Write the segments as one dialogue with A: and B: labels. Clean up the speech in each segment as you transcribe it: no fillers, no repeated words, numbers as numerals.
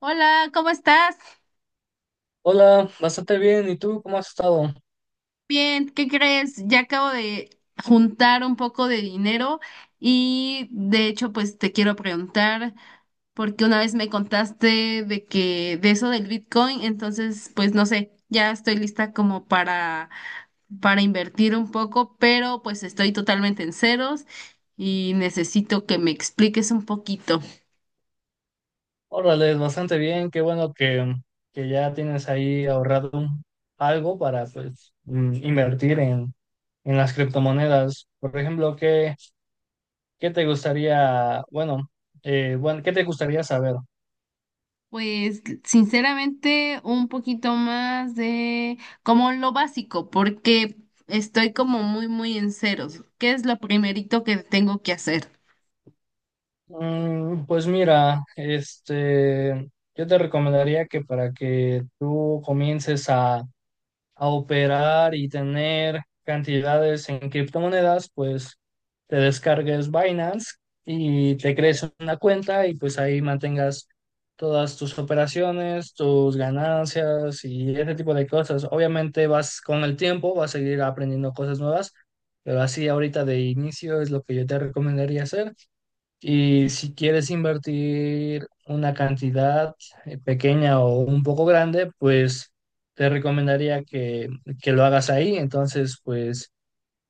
A: Hola, ¿cómo estás?
B: Hola, bastante bien. ¿Y tú cómo has estado?
A: Bien, ¿qué crees? Ya acabo de juntar un poco de dinero y de hecho pues te quiero preguntar porque una vez me contaste de eso del Bitcoin, entonces pues no sé, ya estoy lista como para invertir un poco, pero pues estoy totalmente en ceros y necesito que me expliques un poquito.
B: Órale, bastante bien. Qué bueno que ya tienes ahí ahorrado algo para pues invertir en las criptomonedas. Por ejemplo, ¿qué te gustaría, bueno, ¿qué te gustaría saber?
A: Pues sinceramente un poquito más de como lo básico, porque estoy como muy, muy en ceros. ¿Qué es lo primerito que tengo que hacer?
B: Pues mira, yo te recomendaría que para que tú comiences a operar y tener cantidades en criptomonedas, pues te descargues Binance y te crees una cuenta y pues ahí mantengas todas tus operaciones, tus ganancias y ese tipo de cosas. Obviamente vas con el tiempo, vas a seguir aprendiendo cosas nuevas, pero así ahorita de inicio es lo que yo te recomendaría hacer. Y si quieres invertir una cantidad pequeña o un poco grande, pues te recomendaría que lo hagas ahí. Entonces, pues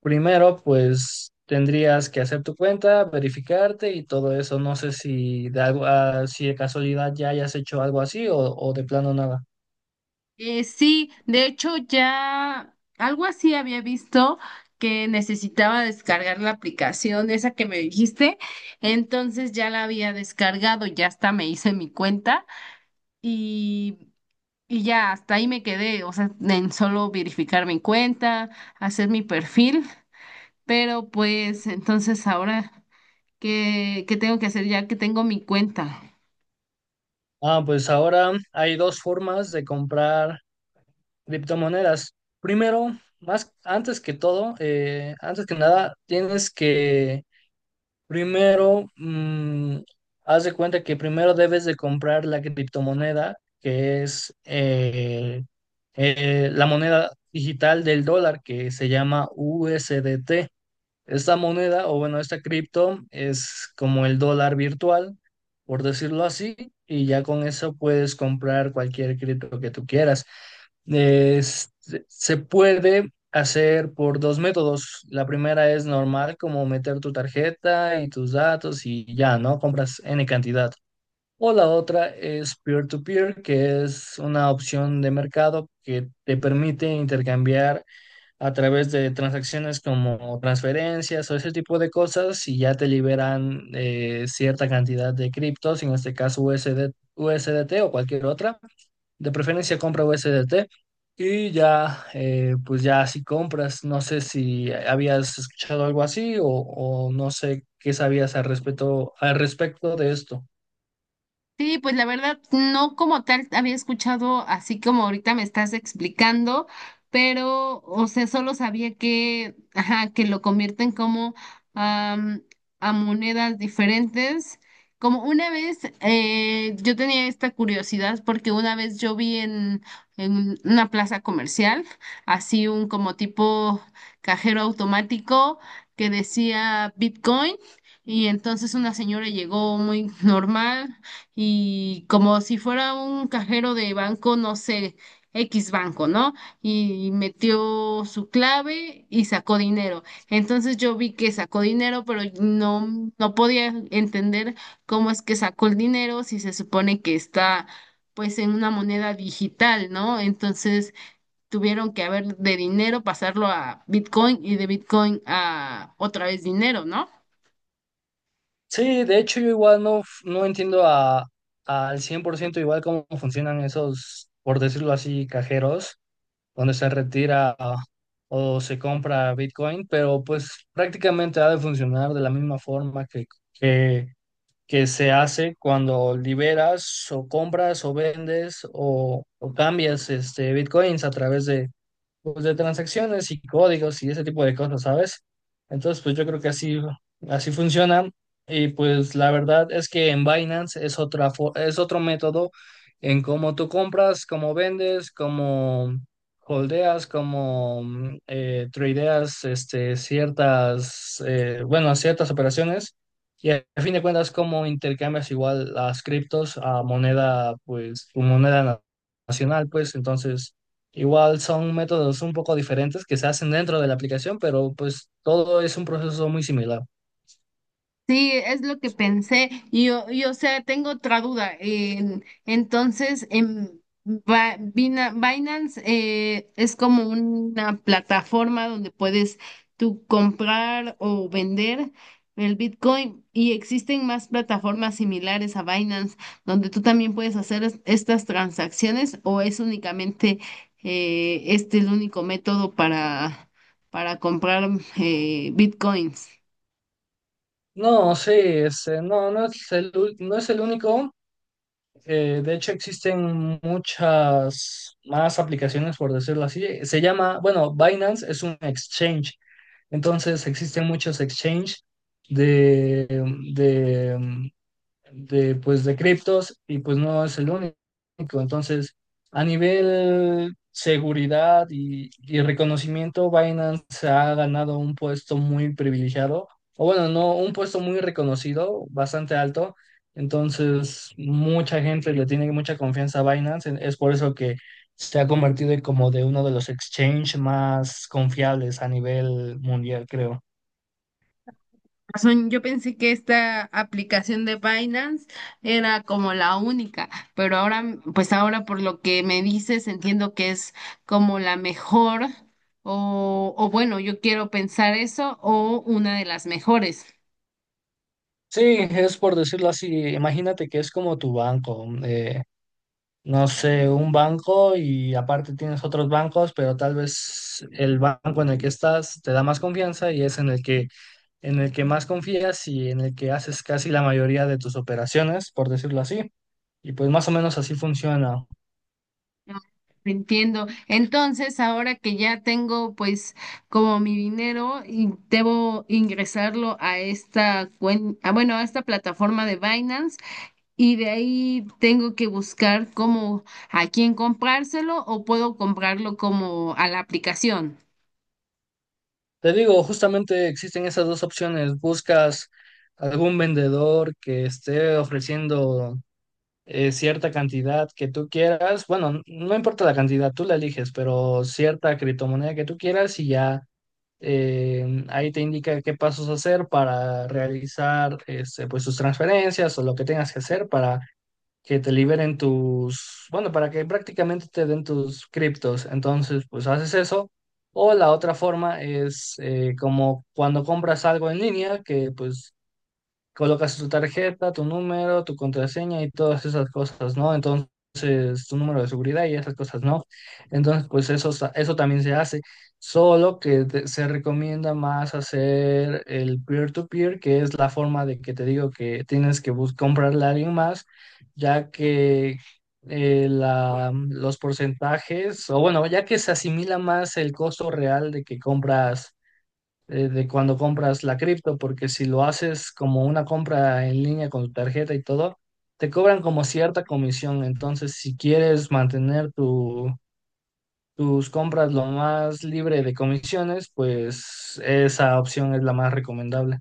B: primero, pues tendrías que hacer tu cuenta, verificarte y todo eso. No sé si de algo, ah, si de casualidad ya hayas hecho algo así o de plano nada.
A: Sí, de hecho ya algo así había visto que necesitaba descargar la aplicación esa que me dijiste, entonces ya la había descargado, ya hasta me hice mi cuenta y, y ya hasta ahí me quedé, o sea, en solo verificar mi cuenta, hacer mi perfil. Pero pues entonces ahora, ¿qué tengo que hacer ya que tengo mi cuenta?
B: Ah, pues ahora hay dos formas de comprar criptomonedas. Primero, más antes que todo, antes que nada, tienes que Primero, mm, haz de cuenta que primero debes de comprar la criptomoneda, que es la moneda digital del dólar, que se llama USDT. Esta moneda, o bueno, esta cripto es como el dólar virtual, por decirlo así, y ya con eso puedes comprar cualquier cripto que tú quieras. Es- Se puede hacer por dos métodos. La primera es normal, como meter tu tarjeta y tus datos y ya, ¿no? Compras N cantidad. O la otra es peer-to-peer, que es una opción de mercado que te permite intercambiar a través de transacciones como transferencias o ese tipo de cosas y ya te liberan cierta cantidad de criptos, en este caso USD, USDT o cualquier otra. De preferencia compra USDT y ya, pues ya si compras, no sé si habías escuchado algo así o no sé qué sabías al respecto de esto.
A: Sí, pues la verdad, no como tal había escuchado así como ahorita me estás explicando, pero, o sea, solo sabía que, ajá, que lo convierten como am, a monedas diferentes. Como una vez, yo tenía esta curiosidad porque una vez yo vi en una plaza comercial, así un como tipo cajero automático que decía Bitcoin. Y entonces una señora llegó muy normal, y como si fuera un cajero de banco, no sé, X banco, ¿no? Y metió su clave y sacó dinero. Entonces yo vi que sacó dinero, pero no podía entender cómo es que sacó el dinero si se supone que está pues en una moneda digital, ¿no? Entonces tuvieron que haber de dinero pasarlo a Bitcoin y de Bitcoin a otra vez dinero, ¿no?
B: Sí, de hecho yo igual no entiendo a, al 100% igual cómo funcionan esos, por decirlo así, cajeros, donde se retira o se compra Bitcoin, pero pues prácticamente ha de funcionar de la misma forma que, que se hace cuando liberas o compras o vendes o cambias Bitcoins a través de, pues, de transacciones y códigos y ese tipo de cosas, ¿sabes? Entonces, pues yo creo que así, así funciona. Y pues la verdad es que en Binance es es otro método en cómo tú compras, cómo vendes, cómo holdeas, cómo tradeas ciertas, ciertas operaciones. Y a fin de cuentas, cómo intercambias igual las criptos a moneda, pues, tu nacional, pues, entonces. Igual son métodos un poco diferentes que se hacen dentro de la aplicación, pero pues todo es un proceso muy similar.
A: Sí, es lo que pensé. Y o sea, tengo otra duda. Entonces, en Binance es como una plataforma donde puedes tú comprar o vender el Bitcoin y existen más plataformas similares a Binance donde tú también puedes hacer estas transacciones o es únicamente el único método para comprar Bitcoins.
B: No, sí, no, no es no es el único. De hecho, existen muchas más aplicaciones, por decirlo así. Se llama, bueno, Binance es un exchange. Entonces, existen muchos exchange de, de, pues, de criptos y pues no es el único. Entonces, a nivel seguridad y reconocimiento, Binance ha ganado un puesto muy privilegiado, o bueno, no, un puesto muy reconocido, bastante alto. Entonces, mucha gente le tiene mucha confianza a Binance. Es por eso que se ha convertido en como de uno de los exchanges más confiables a nivel mundial, creo.
A: Razón, yo pensé que esta aplicación de Binance era como la única, pero ahora, pues ahora por lo que me dices, entiendo que es como la mejor, o bueno, yo quiero pensar eso, o una de las mejores.
B: Sí, es por decirlo así. Imagínate que es como tu banco. No sé, un banco y aparte tienes otros bancos, pero tal vez el banco en el que estás te da más confianza y es en el que más confías y en el que haces casi la mayoría de tus operaciones, por decirlo así. Y pues más o menos así funciona.
A: Entiendo. Entonces, ahora que ya tengo pues como mi dinero y debo ingresarlo a esta ah, bueno, a esta plataforma de Binance. Y de ahí tengo que buscar cómo a quién comprárselo o puedo comprarlo como a la aplicación.
B: Te digo, justamente existen esas dos opciones. Buscas algún vendedor que esté ofreciendo cierta cantidad que tú quieras. Bueno, no importa la cantidad, tú la eliges, pero cierta criptomoneda que tú quieras y ya. Ahí te indica qué pasos hacer para realizar pues, tus transferencias o lo que tengas que hacer para que te liberen tus, bueno, para que prácticamente te den tus criptos. Entonces, pues haces eso. O la otra forma es como cuando compras algo en línea, que pues colocas tu tarjeta, tu número, tu contraseña y todas esas cosas, ¿no? Entonces, tu número de seguridad y esas cosas, ¿no? Entonces, eso también se hace, solo que se recomienda más hacer el peer-to-peer, que es la forma de que te digo que tienes que comprarle a alguien más, ya que... los porcentajes, o bueno, ya que se asimila más el costo real de que compras de cuando compras la cripto, porque si lo haces como una compra en línea con tu tarjeta y todo, te cobran como cierta comisión. Entonces, si quieres mantener tu, tus compras lo más libre de comisiones, pues esa opción es la más recomendable.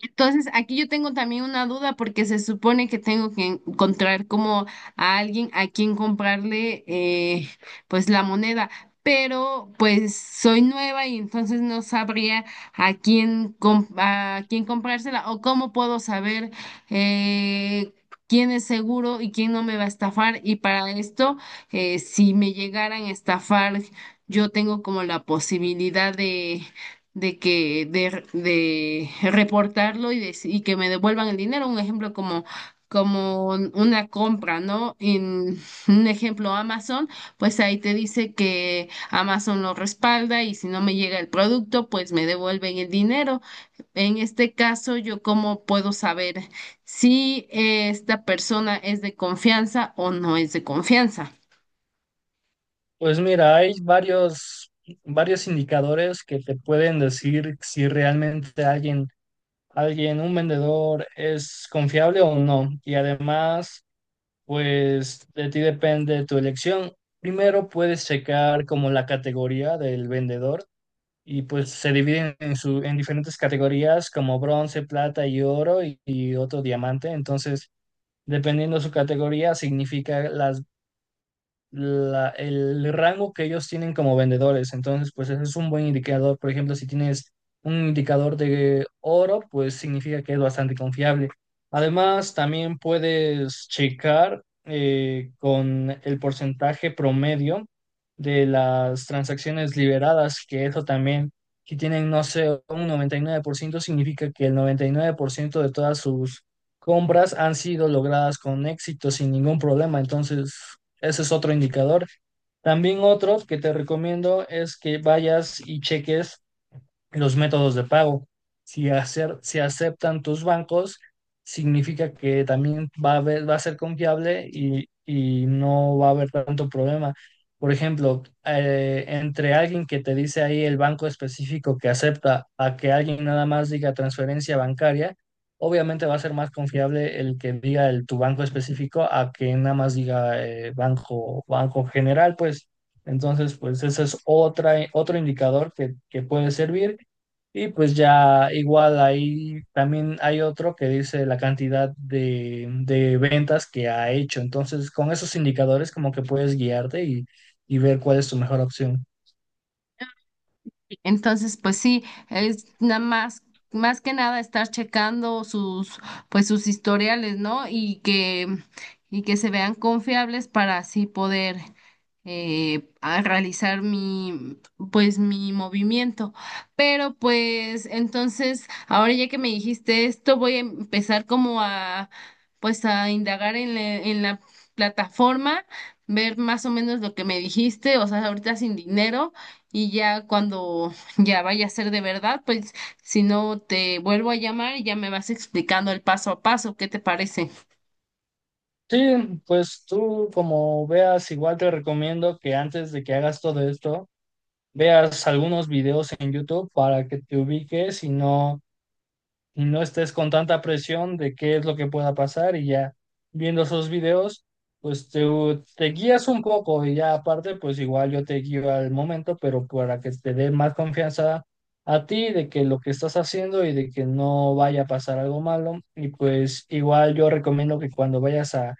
A: Entonces, aquí yo tengo también una duda porque se supone que tengo que encontrar como a alguien a quien comprarle pues la moneda, pero pues soy nueva y entonces no sabría a a quién comprársela o cómo puedo saber eh, quién es seguro y quién no me va a estafar. Y para esto, si me llegaran a estafar, yo tengo como la posibilidad de de reportarlo y que me devuelvan el dinero. Un ejemplo como, como una compra, ¿no? En un ejemplo Amazon, pues ahí te dice que Amazon lo respalda y si no me llega el producto, pues me devuelven el dinero. En este caso, yo cómo puedo saber si esta persona es de confianza o no es de confianza.
B: Pues mira, hay varios, varios indicadores que te pueden decir si realmente alguien, alguien, un vendedor es confiable o no. Y además, pues de ti depende tu elección. Primero puedes checar como la categoría del vendedor y pues se dividen en diferentes categorías como bronce, plata y oro y otro diamante. Entonces, dependiendo su categoría, significa el rango que ellos tienen como vendedores. Entonces, pues ese es un buen indicador. Por ejemplo, si tienes un indicador de oro, pues significa que es bastante confiable. Además, también puedes checar con el porcentaje promedio de las transacciones liberadas, que eso también, si tienen, no sé, un 99%, significa que el 99% de todas sus compras han sido logradas con éxito, sin ningún problema. Entonces, ese es otro indicador. También otro que te recomiendo es que vayas y cheques los métodos de pago. Si aceptan tus bancos, significa que también va a ser confiable y no va a haber tanto problema. Por ejemplo, entre alguien que te dice ahí el banco específico que acepta a que alguien nada más diga transferencia bancaria, obviamente va a ser más confiable el que diga tu banco específico a que nada más diga banco general, pues. Entonces, pues ese es otro indicador que puede servir. Y pues ya igual ahí también hay otro que dice la cantidad de ventas que ha hecho. Entonces, con esos indicadores como que puedes guiarte y ver cuál es tu mejor opción.
A: Entonces, pues sí, es nada más, más que nada estar checando sus, pues sus historiales, ¿no? Y que se vean confiables para así poder a realizar mi, pues mi movimiento. Pero pues entonces, ahora ya que me dijiste esto, voy a empezar como a, pues a indagar en en la plataforma, ver más o menos lo que me dijiste, o sea, ahorita sin dinero y ya cuando ya vaya a ser de verdad, pues si no te vuelvo a llamar y ya me vas explicando el paso a paso, ¿qué te parece?
B: Sí, pues tú como veas, igual te recomiendo que antes de que hagas todo esto, veas algunos videos en YouTube para que te ubiques y no estés con tanta presión de qué es lo que pueda pasar y ya viendo esos videos, pues te guías un poco y ya aparte, pues igual yo te guío al momento, pero para que te dé más confianza a ti de que lo que estás haciendo y de que no vaya a pasar algo malo. Y pues igual yo recomiendo que cuando vayas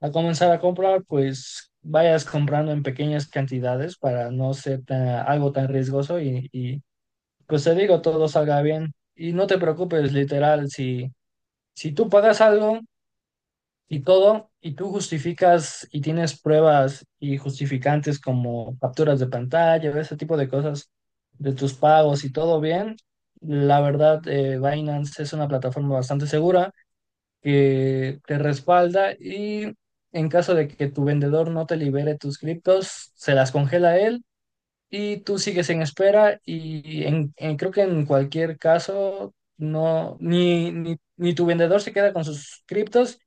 B: a comenzar a comprar, pues... vayas comprando en pequeñas cantidades para no ser algo tan riesgoso y pues te digo, todo salga bien. Y no te preocupes, literal, si tú pagas algo y todo, y tú justificas y tienes pruebas y justificantes como capturas de pantalla, ese tipo de cosas de tus pagos y todo bien, la verdad, Binance es una plataforma bastante segura que te respalda y en caso de que tu vendedor no te libere tus criptos, se las congela él y tú sigues en espera y creo que en cualquier caso no ni tu vendedor se queda con sus criptos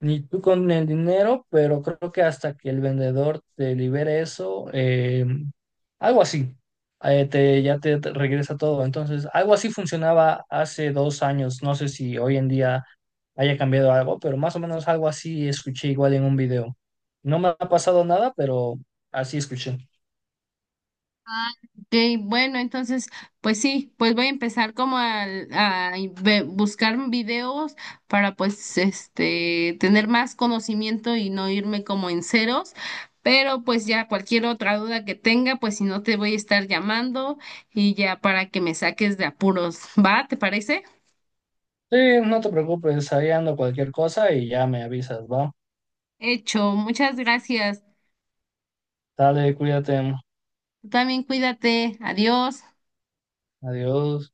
B: ni tú con el dinero, pero creo que hasta que el vendedor te libere eso, algo así, ya te regresa todo. Entonces, algo así funcionaba hace 2 años. No sé si hoy en día haya cambiado algo, pero más o menos algo así escuché igual en un video. No me ha pasado nada, pero así escuché.
A: Ok, bueno, entonces, pues sí, pues voy a empezar como a buscar videos para pues este tener más conocimiento y no irme como en ceros, pero pues ya cualquier otra duda que tenga, pues si no te voy a estar llamando y ya para que me saques de apuros, ¿va? ¿Te parece?
B: Sí, no te preocupes, ahí ando cualquier cosa y ya me avisas, ¿va?
A: Hecho, muchas gracias.
B: Dale, cuídate.
A: Tú también cuídate, adiós.
B: Adiós.